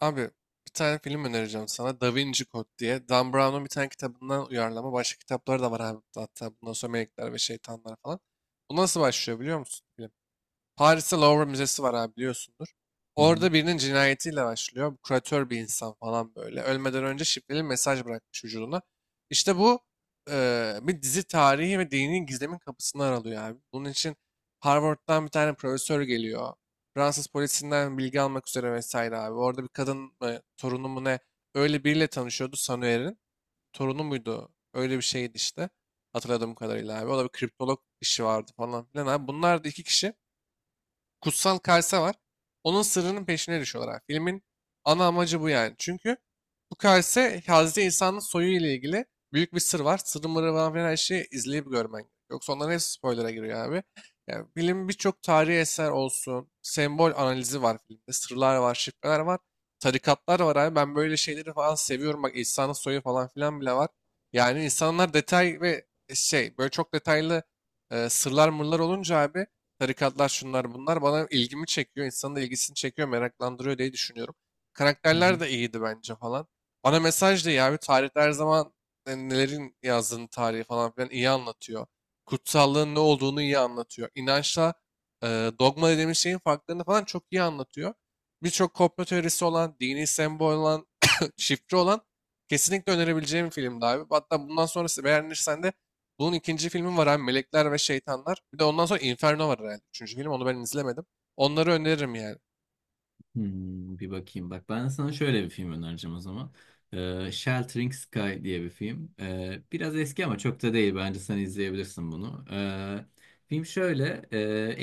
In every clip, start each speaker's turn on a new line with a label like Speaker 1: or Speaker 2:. Speaker 1: Abi bir tane film önereceğim sana. Da Vinci Code diye. Dan Brown'un bir tane kitabından uyarlama. Başka kitapları da var abi. Hatta bundan sonra Melekler ve Şeytanlar falan. Bu nasıl başlıyor biliyor musun? Paris'te Louvre Müzesi var abi biliyorsundur.
Speaker 2: Hı hı,
Speaker 1: Orada birinin cinayetiyle başlıyor. Bu Kuratör bir insan falan böyle. Ölmeden önce şifreli mesaj bırakmış vücuduna. İşte bu bir dizi tarihi ve dini gizlemin kapısını aralıyor abi. Bunun için Harvard'dan bir tane profesör geliyor. Fransız polisinden bilgi almak üzere vesaire abi. Orada bir kadın mı, torunu mu ne öyle biriyle tanışıyordu Sanuer'in. Torunu muydu? Öyle bir şeydi işte. Hatırladığım kadarıyla abi. O da bir kriptolog işi vardı falan filan abi. Bunlar da iki kişi kutsal kase var. Onun sırrının peşine düşüyorlar abi. Filmin ana amacı bu yani. Çünkü bu kase Hazreti İsa'nın soyu ile ilgili büyük bir sır var. Sırrı mırrı falan her şeyi izleyip görmen. Yoksa onların hepsi spoiler'a giriyor abi. Yani film birçok tarihi eser olsun. Sembol analizi var filmde. Sırlar var, şifreler var. Tarikatlar var abi. Ben böyle şeyleri falan seviyorum. Bak İsa'nın soyu falan filan bile var. Yani insanlar detay ve şey böyle çok detaylı sırlar mırlar olunca abi tarikatlar şunlar bunlar bana ilgimi çekiyor. İnsanın da ilgisini çekiyor, meraklandırıyor diye düşünüyorum.
Speaker 2: hı
Speaker 1: Karakterler
Speaker 2: hı.
Speaker 1: de iyiydi bence falan. Bana mesaj da iyi abi. Tarihte her zaman nelerin yazdığını tarihi falan filan iyi anlatıyor. Kutsallığın ne olduğunu iyi anlatıyor. İnançla e, dogma dediğimiz şeyin farklarını falan çok iyi anlatıyor. Birçok komplo teorisi olan, dini sembol olan, şifre olan kesinlikle önerebileceğim bir filmdi abi. Hatta bundan sonrası beğenirsen de bunun ikinci filmi var abi Melekler ve Şeytanlar. Bir de ondan sonra Inferno var herhalde. Üçüncü film onu ben izlemedim. Onları öneririm yani.
Speaker 2: Hmm, bir bakayım. Bak ben sana şöyle bir film önereceğim o zaman. Sheltering Sky diye bir film. Biraz eski ama çok da değil. Bence sen izleyebilirsin bunu. Film şöyle.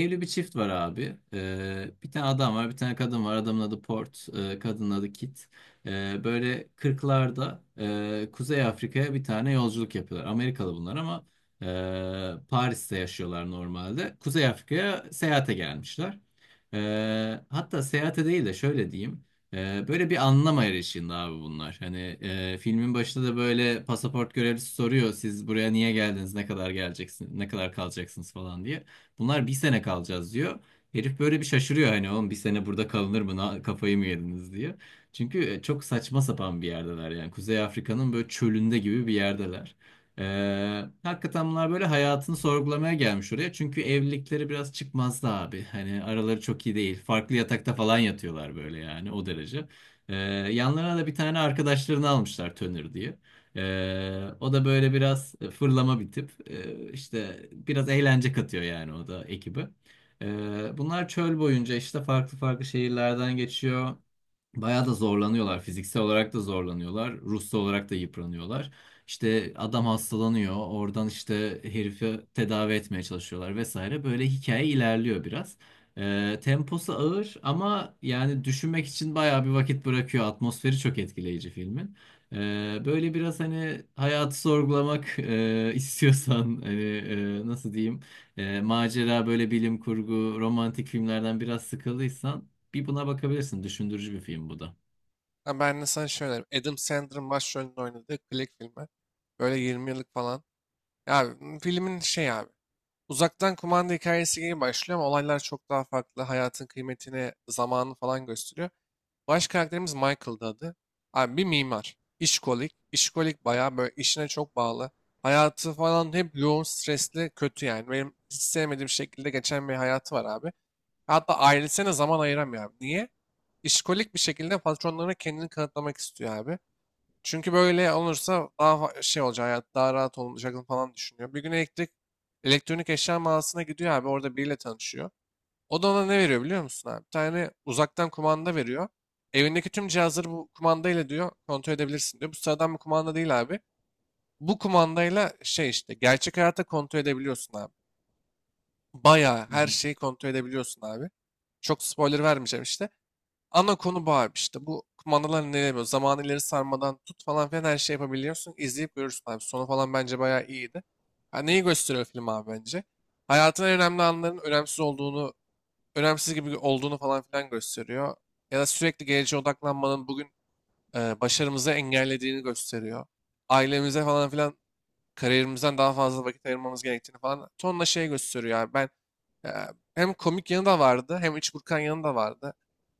Speaker 2: Evli bir çift var abi. Bir tane adam var, bir tane kadın var. Adamın adı Port, kadının adı Kit. Böyle 40'larda Kuzey Afrika'ya bir tane yolculuk yapıyorlar. Amerikalı bunlar ama Paris'te yaşıyorlar normalde. Kuzey Afrika'ya seyahate gelmişler. Hatta seyahate değil de şöyle diyeyim. Böyle bir anlam arayışında abi bunlar. Hani filmin başında da böyle pasaport görevlisi soruyor. Siz buraya niye geldiniz? Ne kadar geleceksiniz? Ne kadar kalacaksınız falan diye. Bunlar bir sene kalacağız diyor. Herif böyle bir şaşırıyor hani oğlum bir sene burada kalınır mı? Kafayı mı yediniz diye. Çünkü çok saçma sapan bir yerdeler yani. Kuzey Afrika'nın böyle çölünde gibi bir yerdeler. Hakikaten bunlar böyle hayatını sorgulamaya gelmiş oraya. Çünkü evlilikleri biraz çıkmazdı abi. Hani araları çok iyi değil. Farklı yatakta falan yatıyorlar böyle yani o derece. Yanlarına da bir tane arkadaşlarını almışlar Tönür diye. O da böyle biraz fırlama bir tip. İşte biraz eğlence katıyor yani o da ekibi. Bunlar çöl boyunca işte farklı farklı şehirlerden geçiyor. Bayağı da zorlanıyorlar. Fiziksel olarak da zorlanıyorlar. Ruhsal olarak da yıpranıyorlar. İşte adam hastalanıyor. Oradan işte herifi tedavi etmeye çalışıyorlar vesaire. Böyle hikaye ilerliyor biraz. Temposu ağır ama yani düşünmek için bayağı bir vakit bırakıyor. Atmosferi çok etkileyici filmin. Böyle biraz hani hayatı sorgulamak istiyorsan hani nasıl diyeyim macera böyle bilim kurgu romantik filmlerden biraz sıkıldıysan bir buna bakabilirsin. Düşündürücü bir film bu da.
Speaker 1: Ha, ben de sana şey öneririm. Adam Sandler'ın başrolünde oynadığı Click filmi. Böyle 20 yıllık falan. Filmin şey abi. Uzaktan kumanda hikayesi gibi başlıyor ama olaylar çok daha farklı. Hayatın kıymetini, zamanı falan gösteriyor. Baş karakterimiz Michael'dı adı. Abi bir mimar. İşkolik. İşkolik bayağı böyle işine çok bağlı. Hayatı falan hep yoğun, stresli, kötü yani. Benim hiç sevmediğim şekilde geçen bir hayatı var abi. Hatta ailesine zaman ayıramıyor abi. Niye? İşkolik bir şekilde patronlarına kendini kanıtlamak istiyor abi. Çünkü böyle olursa daha şey olacak, hayat daha rahat olacak falan düşünüyor. Bir gün elektrik, elektronik eşya mağazasına gidiyor abi. Orada biriyle tanışıyor. O da ona ne veriyor biliyor musun abi? Bir tane uzaktan kumanda veriyor. Evindeki tüm cihazları bu kumandayla diyor kontrol edebilirsin diyor. Bu sıradan bir kumanda değil abi. Bu kumandayla şey işte gerçek hayata kontrol edebiliyorsun abi. Bayağı her şeyi kontrol edebiliyorsun abi. Çok spoiler vermeyeceğim işte. Ana konu bu abi işte. Bu kumandalar ne demiyor? Zamanı ileri sarmadan tut falan filan her şey yapabiliyorsun. İzleyip görürsün abi. Sonu falan bence bayağı iyiydi. Ha, neyi gösteriyor film abi bence? Hayatın en önemli anların önemsiz olduğunu önemsiz gibi olduğunu falan filan gösteriyor. Ya da sürekli geleceğe odaklanmanın bugün başarımızı engellediğini gösteriyor. Ailemize falan filan kariyerimizden daha fazla vakit ayırmamız gerektiğini falan tonla şey gösteriyor. Yani ben e, hem komik yanı da vardı hem iç burkan yanı da vardı.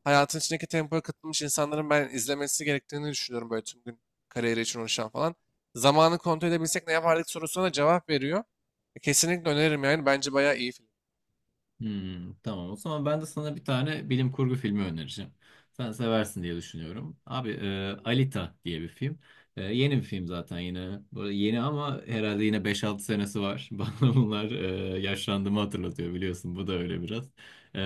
Speaker 1: Hayatın içindeki tempoya katılmış insanların ben izlemesi gerektiğini düşünüyorum böyle tüm gün kariyeri için uğraşan falan. Zamanı kontrol edebilsek ne yapardık sorusuna cevap veriyor. Kesinlikle öneririm yani. Bence bayağı iyi film.
Speaker 2: Hmm, tamam o zaman ben de sana bir tane bilim kurgu filmi önereceğim. Sen seversin diye düşünüyorum. Abi Alita diye bir film. Yeni bir film zaten yine. Böyle yeni ama herhalde yine beş altı senesi var. Bana bunlar yaşlandığımı hatırlatıyor biliyorsun. Bu da öyle biraz.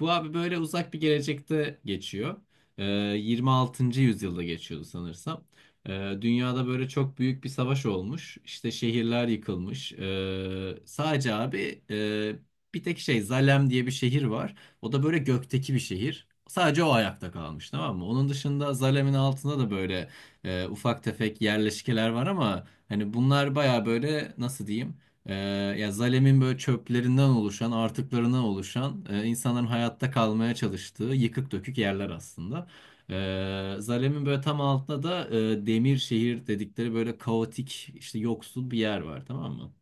Speaker 2: Bu abi böyle uzak bir gelecekte geçiyor. E, 26. yüzyılda geçiyordu sanırsam. E, Dünyada böyle çok büyük bir savaş olmuş. İşte şehirler yıkılmış. Sadece abi bir tek şey Zalem diye bir şehir var. O da böyle gökteki bir şehir. Sadece o ayakta kalmış, tamam mı? Onun dışında Zalem'in altında da böyle ufak tefek yerleşkeler var ama hani bunlar baya böyle nasıl diyeyim? E, Ya Zalem'in böyle çöplerinden oluşan, artıklarından oluşan insanların hayatta kalmaya çalıştığı yıkık dökük yerler aslında. Zalem'in böyle tam altında da Demir şehir dedikleri böyle kaotik işte yoksul bir yer var, tamam mı?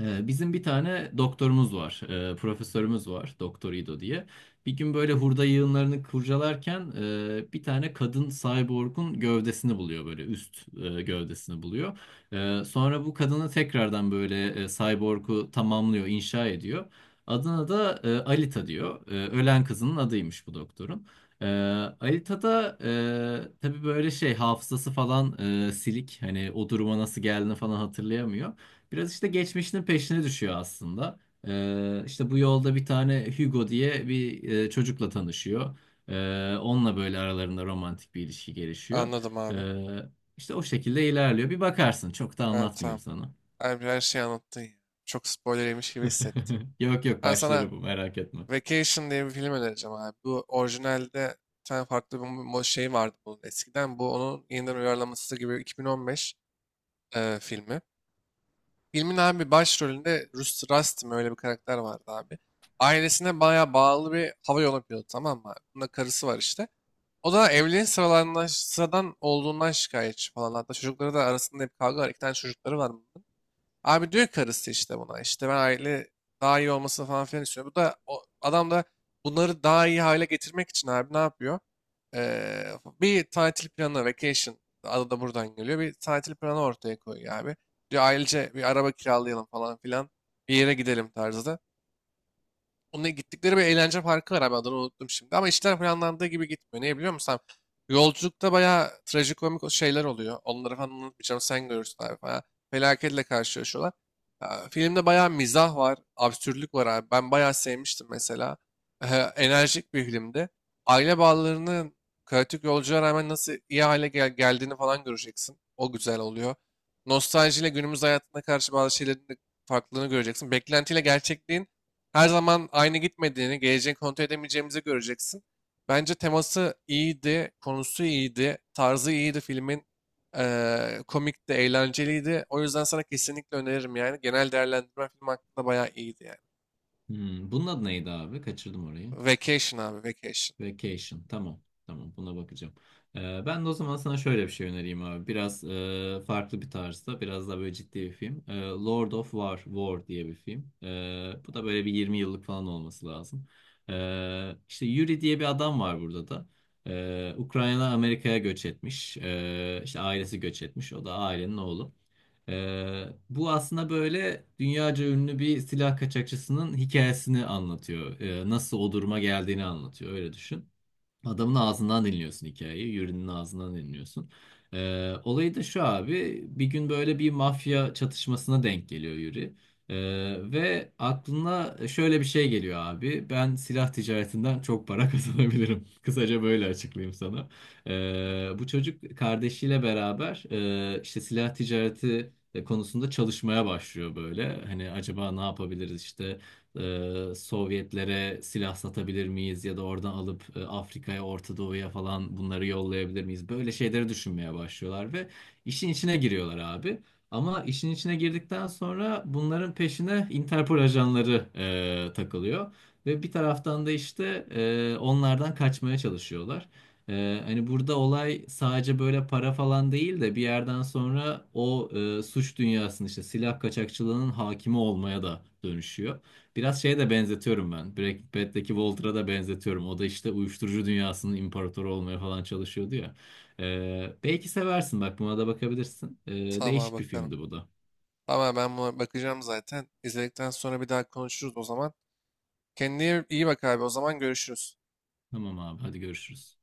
Speaker 2: Bizim bir tane doktorumuz var, profesörümüz var, Doktor İdo diye. Bir gün böyle hurda yığınlarını kurcalarken bir tane kadın cyborg'un gövdesini buluyor, böyle üst gövdesini buluyor. Sonra bu kadını tekrardan böyle cyborg'u tamamlıyor, inşa ediyor. Adına da Alita diyor. Ölen kızının adıymış bu doktorun. E, Alita da tabii böyle şey hafızası falan silik, hani o duruma nasıl geldiğini falan hatırlayamıyor. Biraz işte geçmişinin peşine düşüyor aslında. İşte bu yolda bir tane Hugo diye bir çocukla tanışıyor. Onunla böyle aralarında romantik bir ilişki gelişiyor.
Speaker 1: Anladım abi.
Speaker 2: Ee, işte o şekilde ilerliyor. Bir bakarsın. Çok da
Speaker 1: Evet,
Speaker 2: anlatmayayım
Speaker 1: tamam.
Speaker 2: sana.
Speaker 1: Abi her şeyi anlattın ya. Çok spoiler yemiş gibi hissettim.
Speaker 2: Yok yok,
Speaker 1: Ben sana
Speaker 2: başları bu, merak etme.
Speaker 1: Vacation diye bir film önereceğim abi. Bu orijinalde bir tane farklı bir şey vardı bunun eskiden. Bu onun yeniden uyarlaması gibi 2015 filmi. Filmin abi başrolünde Rus Rastim öyle bir karakter vardı abi. Ailesine bayağı bağlı bir hava yolu pilotu tamam mı abi? Bunda karısı var işte. O da evliliğin sıralarından, sıradan olduğundan şikayetçi falan. Hatta çocukları da arasında hep kavga var. İki tane çocukları var bunun. Abi diyor karısı işte buna işte ben aile daha iyi olmasını falan filan istiyorum. Bu da adam da bunları daha iyi hale getirmek için abi ne yapıyor? Ee, bir tatil planı, vacation adı da buradan geliyor. Bir tatil planı ortaya koyuyor abi. Diyor ailece bir araba kiralayalım falan filan bir yere gidelim tarzda. Onunla gittikleri bir eğlence parkı var abi adını unuttum şimdi. Ama işler planlandığı gibi gitmiyor. Niye biliyor musun abi? Yolculukta bayağı trajikomik şeyler oluyor. Onları falan unutmayacağım sen görürsün abi. Bayağı felaketle karşılaşıyorlar. Ya, filmde bayağı mizah var, absürtlük var abi. Ben bayağı sevmiştim mesela. Enerjik bir filmdi. Aile bağlarının kaotik yolculuğa rağmen nasıl iyi hale geldiğini falan göreceksin. O güzel oluyor. Nostaljiyle günümüz hayatına karşı bazı şeylerin de farklılığını göreceksin. Beklentiyle gerçekliğin her zaman aynı gitmediğini, geleceğini kontrol edemeyeceğimizi göreceksin. Bence teması iyiydi, konusu iyiydi, tarzı iyiydi filmin. Komikti, eğlenceliydi. O yüzden sana kesinlikle öneririm yani. Genel değerlendirme film hakkında bayağı iyiydi yani.
Speaker 2: Hmm, bunun adı neydi abi? Kaçırdım orayı.
Speaker 1: Vacation abi, Vacation.
Speaker 2: Vacation. Tamam. Tamam. Buna bakacağım. Ben de o zaman sana şöyle bir şey önereyim abi. Biraz farklı bir tarzda. Biraz daha böyle ciddi bir film. Lord of War. War diye bir film. Bu da böyle bir 20 yıllık falan olması lazım. İşte Yuri diye bir adam var burada da. Ukrayna Amerika'ya göç etmiş. İşte ailesi göç etmiş. O da ailenin oğlu. Bu aslında böyle dünyaca ünlü bir silah kaçakçısının hikayesini anlatıyor. Nasıl o duruma geldiğini anlatıyor. Öyle düşün. Adamın ağzından dinliyorsun hikayeyi, Yuri'nin ağzından dinliyorsun. Olayı da şu abi, bir gün böyle bir mafya çatışmasına denk geliyor Yuri. Ee, Ve aklına şöyle bir şey geliyor abi, ben silah ticaretinden çok para kazanabilirim. Kısaca böyle açıklayayım sana. Bu çocuk kardeşiyle beraber işte silah ticareti konusunda çalışmaya başlıyor böyle. Hani acaba ne yapabiliriz işte Sovyetlere silah satabilir miyiz ya da oradan alıp Afrika'ya, Orta Doğu'ya falan bunları yollayabilir miyiz? Böyle şeyleri düşünmeye başlıyorlar ve işin içine giriyorlar abi. Ama işin içine girdikten sonra bunların peşine Interpol ajanları takılıyor. Ve bir taraftan da işte onlardan kaçmaya çalışıyorlar. Hani burada olay sadece böyle para falan değil de bir yerden sonra o suç dünyasının işte silah kaçakçılığının hakimi olmaya da dönüşüyor. Biraz şeye de benzetiyorum ben. Breaking Bad'deki Walter'a da benzetiyorum. O da işte uyuşturucu dünyasının imparatoru olmaya falan çalışıyordu ya. Belki seversin, bak buna da bakabilirsin.
Speaker 1: Tamam abi,
Speaker 2: Değişik bir
Speaker 1: bakarım.
Speaker 2: filmdi bu da.
Speaker 1: Tamam ben buna bakacağım zaten. İzledikten sonra bir daha konuşuruz o zaman. Kendine iyi bak abi. O zaman görüşürüz.
Speaker 2: Tamam abi, hadi görüşürüz.